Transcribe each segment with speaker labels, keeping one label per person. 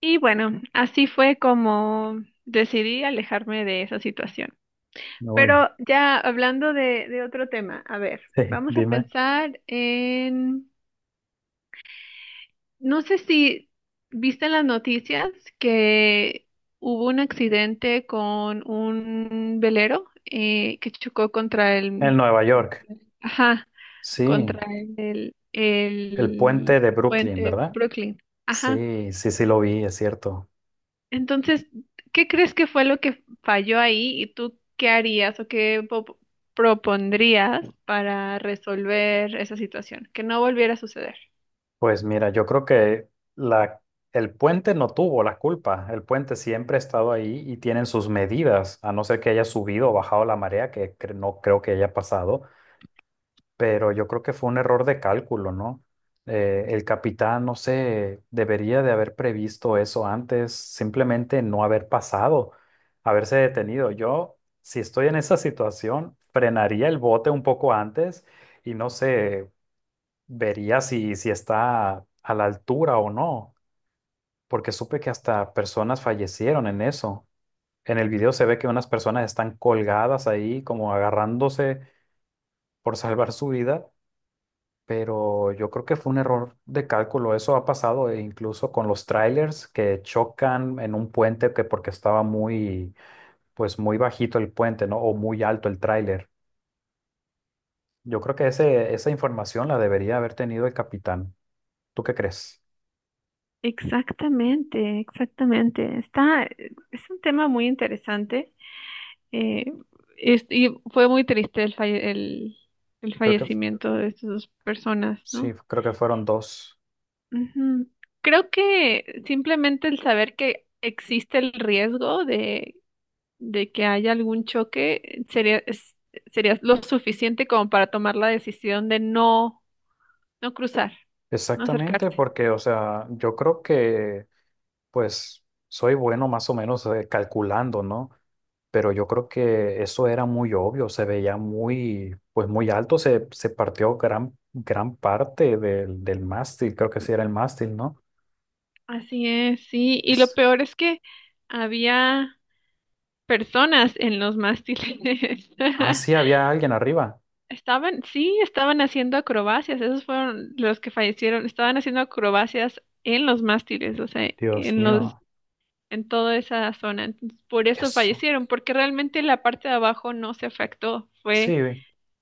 Speaker 1: Y bueno, así fue como decidí alejarme de esa situación.
Speaker 2: Uy,
Speaker 1: Pero ya hablando de otro tema, a ver,
Speaker 2: sí,
Speaker 1: vamos a
Speaker 2: dime.
Speaker 1: pensar en, no sé si viste en las noticias que hubo un accidente con un velero que chocó contra
Speaker 2: En
Speaker 1: el,
Speaker 2: Nueva York,
Speaker 1: ajá,
Speaker 2: sí,
Speaker 1: contra el,
Speaker 2: el
Speaker 1: el
Speaker 2: puente de
Speaker 1: puente
Speaker 2: Brooklyn,
Speaker 1: de
Speaker 2: ¿verdad?
Speaker 1: Brooklyn. Ajá.
Speaker 2: Sí, sí, sí lo vi, es cierto.
Speaker 1: Entonces, ¿qué crees que fue lo que falló ahí y tú qué harías o propondrías para resolver esa situación? Que no volviera a suceder.
Speaker 2: Pues mira, yo creo que la, el puente no tuvo la culpa. El puente siempre ha estado ahí y tienen sus medidas, a no ser que haya subido o bajado la marea, que no creo que haya pasado. Pero yo creo que fue un error de cálculo, ¿no? El capitán, no sé, debería de haber previsto eso antes, simplemente no haber pasado, haberse detenido. Yo, si estoy en esa situación, frenaría el bote un poco antes y no sé, vería si está a la altura o no, porque supe que hasta personas fallecieron en eso. En el video se ve que unas personas están colgadas ahí como agarrándose por salvar su vida, pero yo creo que fue un error de cálculo. Eso ha pasado e incluso con los trailers que chocan en un puente que porque estaba muy, pues muy bajito el puente, ¿no? O muy alto el tráiler. Yo creo que esa información la debería haber tenido el capitán. ¿Tú qué crees?
Speaker 1: Exactamente, exactamente. Está, es un tema muy interesante. eh, y fue muy triste el
Speaker 2: Creo que f-
Speaker 1: fallecimiento de estas dos personas,
Speaker 2: sí,
Speaker 1: ¿no?
Speaker 2: creo que fueron dos.
Speaker 1: Ujú. Creo que simplemente el saber que existe el riesgo de que haya algún choque, sería lo suficiente como para tomar la decisión de no, no cruzar, no
Speaker 2: Exactamente,
Speaker 1: acercarse.
Speaker 2: porque, o sea, yo creo que pues soy bueno más o menos calculando, ¿no? Pero yo creo que eso era muy obvio, se veía muy, pues muy alto, se partió gran parte del mástil, creo que sí era el mástil, ¿no?
Speaker 1: Así es, sí. Y lo
Speaker 2: Es-
Speaker 1: peor es que había personas en los mástiles.
Speaker 2: Ah, sí, había alguien arriba.
Speaker 1: Estaban, sí, estaban haciendo acrobacias. Esos fueron los que fallecieron. Estaban haciendo acrobacias en los mástiles, o sea,
Speaker 2: Dios
Speaker 1: en los,
Speaker 2: mío,
Speaker 1: en toda esa zona. Entonces, por eso
Speaker 2: eso.
Speaker 1: fallecieron, porque realmente la parte de abajo no se afectó.
Speaker 2: Sí,
Speaker 1: Fue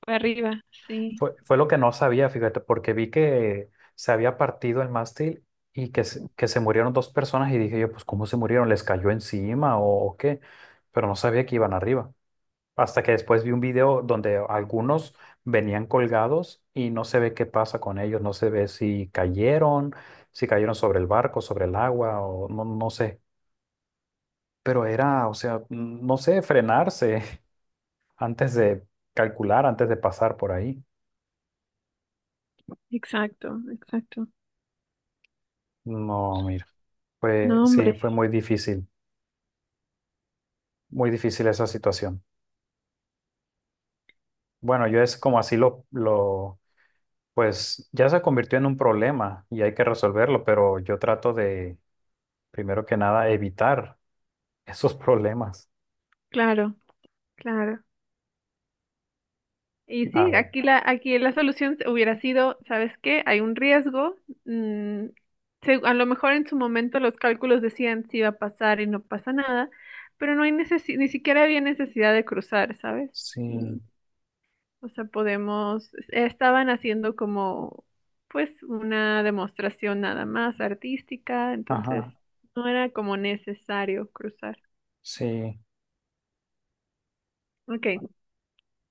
Speaker 1: para arriba, sí,
Speaker 2: fue, fue lo que no sabía, fíjate, porque vi que se había partido el mástil y que que se murieron dos personas y dije yo, pues ¿cómo se murieron? ¿Les cayó encima o qué? Pero no sabía que iban arriba. Hasta que después vi un video donde algunos venían colgados y no se ve qué pasa con ellos, no se ve si cayeron, si cayeron sobre el barco, sobre el agua o no, no sé. Pero era, o sea, no sé, frenarse antes de calcular, antes de pasar por ahí.
Speaker 1: exacto, exacto.
Speaker 2: No, mira, fue,
Speaker 1: No,
Speaker 2: sí,
Speaker 1: hombre,
Speaker 2: fue muy difícil esa situación. Bueno, yo es como así pues ya se convirtió en un problema y hay que resolverlo, pero yo trato de, primero que nada, evitar esos problemas.
Speaker 1: claro, claro. Y
Speaker 2: A
Speaker 1: sí,
Speaker 2: ver.
Speaker 1: aquí la solución hubiera sido, ¿sabes qué? Hay un riesgo. mm, a lo mejor en su momento los cálculos decían si iba a pasar y no pasa nada, pero no hay necesi- ni siquiera había necesidad de cruzar, ¿sabes? Mm,
Speaker 2: Sí.
Speaker 1: o sea, podemos, estaban haciendo como, pues, una demostración nada más artística, entonces
Speaker 2: Ajá.
Speaker 1: no era como necesario cruzar.
Speaker 2: Sí.
Speaker 1: Ok.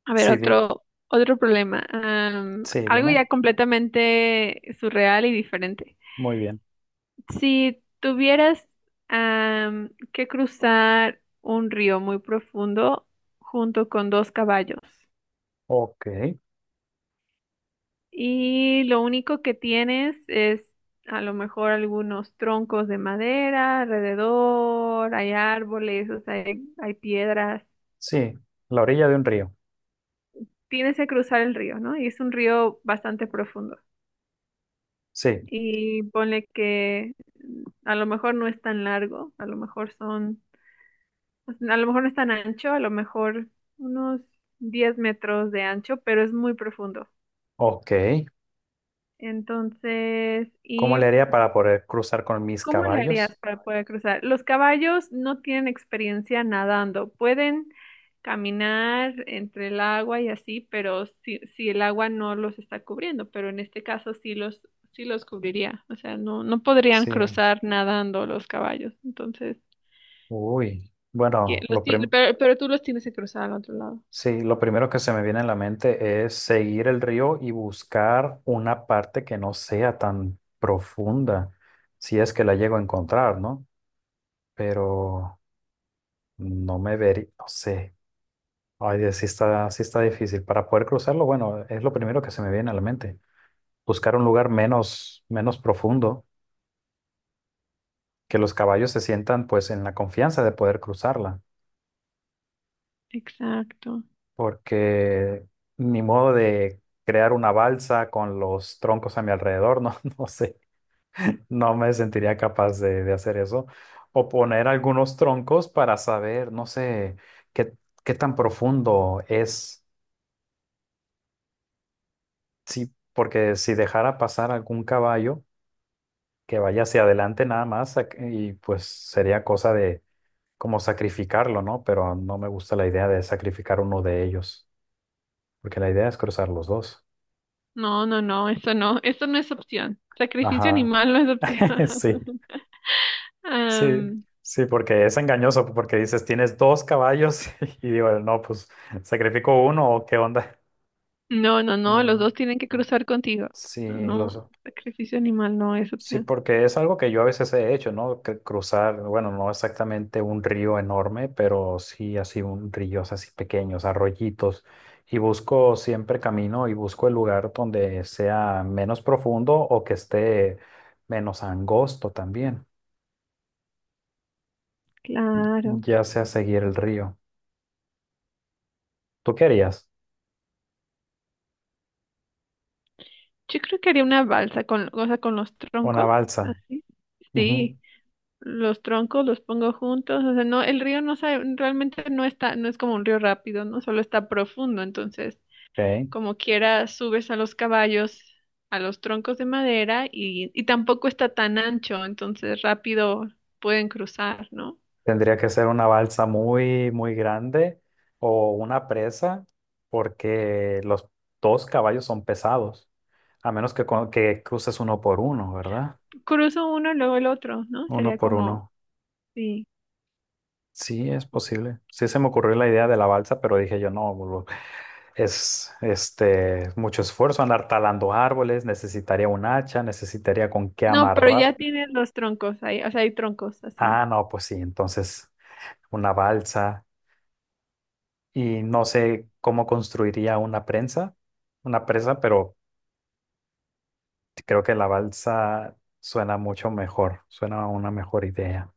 Speaker 1: A ver,
Speaker 2: Sí, di-
Speaker 1: otro problema.
Speaker 2: sí,
Speaker 1: Algo
Speaker 2: dime.
Speaker 1: ya completamente surreal y diferente.
Speaker 2: Muy bien.
Speaker 1: Si tuvieras que cruzar un río muy profundo junto con dos caballos
Speaker 2: Ok.
Speaker 1: y lo único que tienes es a lo mejor algunos troncos de madera alrededor, hay árboles, o sea, hay piedras.
Speaker 2: Sí. La orilla de un río.
Speaker 1: Tienes que cruzar el río, ¿no? Y es un río bastante profundo.
Speaker 2: Sí.
Speaker 1: Y ponle que a lo mejor no es tan largo, a lo mejor no es tan ancho, a lo mejor unos 10 metros de ancho, pero es muy profundo.
Speaker 2: Ok.
Speaker 1: Entonces,
Speaker 2: ¿Cómo
Speaker 1: y
Speaker 2: le haría para poder cruzar con mis
Speaker 1: ¿cómo le harías
Speaker 2: caballos?
Speaker 1: para poder cruzar? Los caballos no tienen experiencia nadando, pueden caminar entre el agua y así, pero si, si el agua no los está cubriendo, pero en este caso sí los cubriría, o sea, no, no podrían
Speaker 2: Sí.
Speaker 1: cruzar nadando los caballos, entonces,
Speaker 2: Uy.
Speaker 1: pero tú los tienes que cruzar al otro lado.
Speaker 2: Sí, lo primero que se me viene a la mente es seguir el río y buscar una parte que no sea tan profunda, si es que la llego a encontrar, ¿no? Pero no me vería, no sé. Ay, Dios, sí está difícil. Para poder cruzarlo, bueno, es lo primero que se me viene a la mente. Buscar un lugar menos, menos profundo, que los caballos se sientan pues en la confianza de poder cruzarla,
Speaker 1: Exacto.
Speaker 2: porque ni modo de crear una balsa con los troncos a mi alrededor, no, no sé, no me sentiría capaz de hacer eso. O poner algunos troncos para saber, no sé, qué, qué tan profundo es, sí, porque si dejara pasar algún caballo que vaya hacia adelante nada más y pues sería cosa de como sacrificarlo, ¿no? Pero no me gusta la idea de sacrificar uno de ellos, porque la idea es cruzar los dos.
Speaker 1: No, no, no, eso no, eso no es opción. Sacrificio
Speaker 2: Ajá,
Speaker 1: animal no es
Speaker 2: sí,
Speaker 1: opción.
Speaker 2: sí,
Speaker 1: Am,
Speaker 2: sí, porque es engañoso, porque dices, tienes dos caballos y digo, no, pues sacrifico uno o qué onda.
Speaker 1: No, no, no, los
Speaker 2: No,
Speaker 1: dos tienen que
Speaker 2: mm,
Speaker 1: cruzar contigo.
Speaker 2: sí,
Speaker 1: No,
Speaker 2: los...
Speaker 1: sacrificio animal no es
Speaker 2: Sí,
Speaker 1: opción.
Speaker 2: porque es algo que yo a veces he hecho, ¿no? Que cruzar, bueno, no exactamente un río enorme, pero sí así un ríos así pequeños, arroyitos. Y busco siempre camino y busco el lugar donde sea menos profundo o que esté menos angosto también,
Speaker 1: Claro.
Speaker 2: ya sea seguir el río. ¿Tú querías
Speaker 1: Yo creo que haría una balsa o sea, con los
Speaker 2: una
Speaker 1: troncos,
Speaker 2: balsa?
Speaker 1: así.
Speaker 2: Ujú,
Speaker 1: Sí, los troncos los pongo juntos, o sea, no, el río no sabe, realmente no está, no es como un río rápido, ¿no? Solo está profundo, entonces,
Speaker 2: ok.
Speaker 1: como quiera, subes a los caballos, a los troncos de madera y tampoco está tan ancho, entonces rápido pueden cruzar, ¿no?
Speaker 2: Tendría que ser una balsa muy, muy grande o una presa porque los dos caballos son pesados. A menos que, que cruces uno por uno, ¿verdad?
Speaker 1: Cruzo uno, luego el otro, ¿no?
Speaker 2: Uno
Speaker 1: Sería
Speaker 2: por
Speaker 1: como
Speaker 2: uno.
Speaker 1: sí.
Speaker 2: Sí, es posible. Sí se me ocurrió la idea de la balsa, pero dije yo, no, boludo, es este mucho esfuerzo andar talando árboles, necesitaría un hacha, necesitaría con qué
Speaker 1: No, pero ya
Speaker 2: amarrar.
Speaker 1: tienen los troncos ahí, o sea, hay troncos
Speaker 2: Ah,
Speaker 1: así.
Speaker 2: no, pues sí, entonces una balsa y no sé cómo construiría una prensa, una presa, pero creo que la balsa suena mucho mejor, suena a una mejor idea.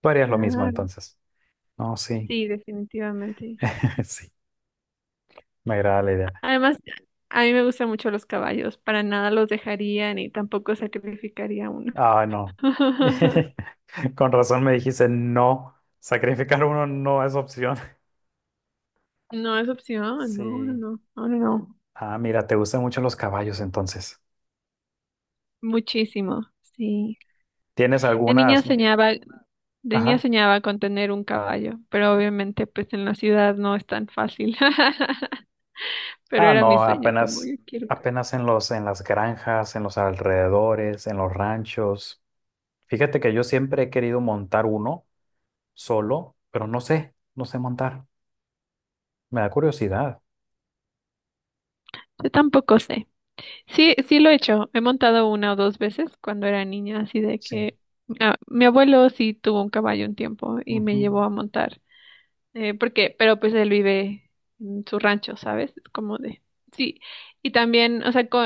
Speaker 2: Tú harías lo mismo
Speaker 1: Claro.
Speaker 2: entonces. No, sí.
Speaker 1: Sí, definitivamente.
Speaker 2: Sí. Me agrada la idea.
Speaker 1: Además, a mí me gustan mucho los caballos, para nada los dejaría ni tampoco sacrificaría uno.
Speaker 2: Ah, no. Con razón me dijiste no. Sacrificar uno no es opción.
Speaker 1: No es opción, no, no,
Speaker 2: Sí.
Speaker 1: no, no, no, no.
Speaker 2: Ah, mira, te gustan mucho los caballos entonces.
Speaker 1: Muchísimo, sí.
Speaker 2: ¿Tienes
Speaker 1: De niña
Speaker 2: algunas? ¿No?
Speaker 1: soñaba, de niña
Speaker 2: Ajá.
Speaker 1: soñaba con tener un caballo, pero obviamente pues en la ciudad no es tan fácil. Pero
Speaker 2: Ah,
Speaker 1: era mi
Speaker 2: no,
Speaker 1: sueño, como yo
Speaker 2: apenas,
Speaker 1: quiero. Un caballo.
Speaker 2: apenas en en las granjas, en los alrededores, en los ranchos. Fíjate que yo siempre he querido montar uno solo, pero no sé, no sé montar. Me da curiosidad.
Speaker 1: Yo tampoco sé. Sí, sí lo he hecho. He montado una o dos veces cuando era niña, así de
Speaker 2: Sí.
Speaker 1: que ah, mi abuelo sí tuvo un caballo un tiempo y me
Speaker 2: Ujú.
Speaker 1: llevó a montar. Porque, pero pues él vive en su rancho, ¿sabes? Es como de, sí. Y también, o sea,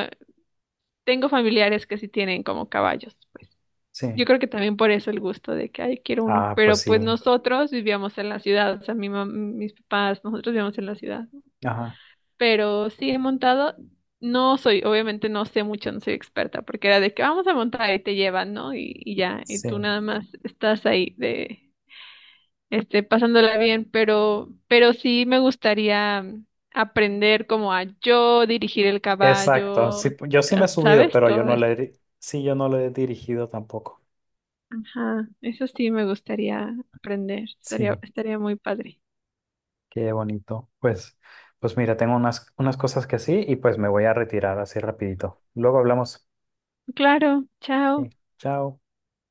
Speaker 1: tengo familiares que sí tienen como caballos, pues.
Speaker 2: Sí.
Speaker 1: Yo creo que también por eso el gusto de que, ay, quiero uno.
Speaker 2: Ah, pues
Speaker 1: Pero pues
Speaker 2: sí.
Speaker 1: nosotros vivíamos en la ciudad, o sea, mis papás, nosotros vivíamos en la ciudad
Speaker 2: Ajá.
Speaker 1: pero sí he montado. No soy, obviamente no sé mucho, no soy experta, porque era de que vamos a montar y te llevan, ¿no? Y ya, y tú
Speaker 2: Sí.
Speaker 1: nada más estás ahí de, este, pasándola bien, pero sí me gustaría aprender como a yo dirigir el
Speaker 2: Exacto.
Speaker 1: caballo,
Speaker 2: Sí, yo sí me he subido,
Speaker 1: ¿sabes?
Speaker 2: pero yo
Speaker 1: Todo
Speaker 2: no
Speaker 1: eso.
Speaker 2: le, sí, yo no lo he dirigido tampoco.
Speaker 1: Ajá, eso sí me gustaría aprender, estaría,
Speaker 2: Sí,
Speaker 1: estaría muy padre.
Speaker 2: qué bonito. Pues, pues mira, tengo unas, unas cosas que sí y pues me voy a retirar así rapidito. Luego hablamos.
Speaker 1: Claro, chao.
Speaker 2: Sí, chao.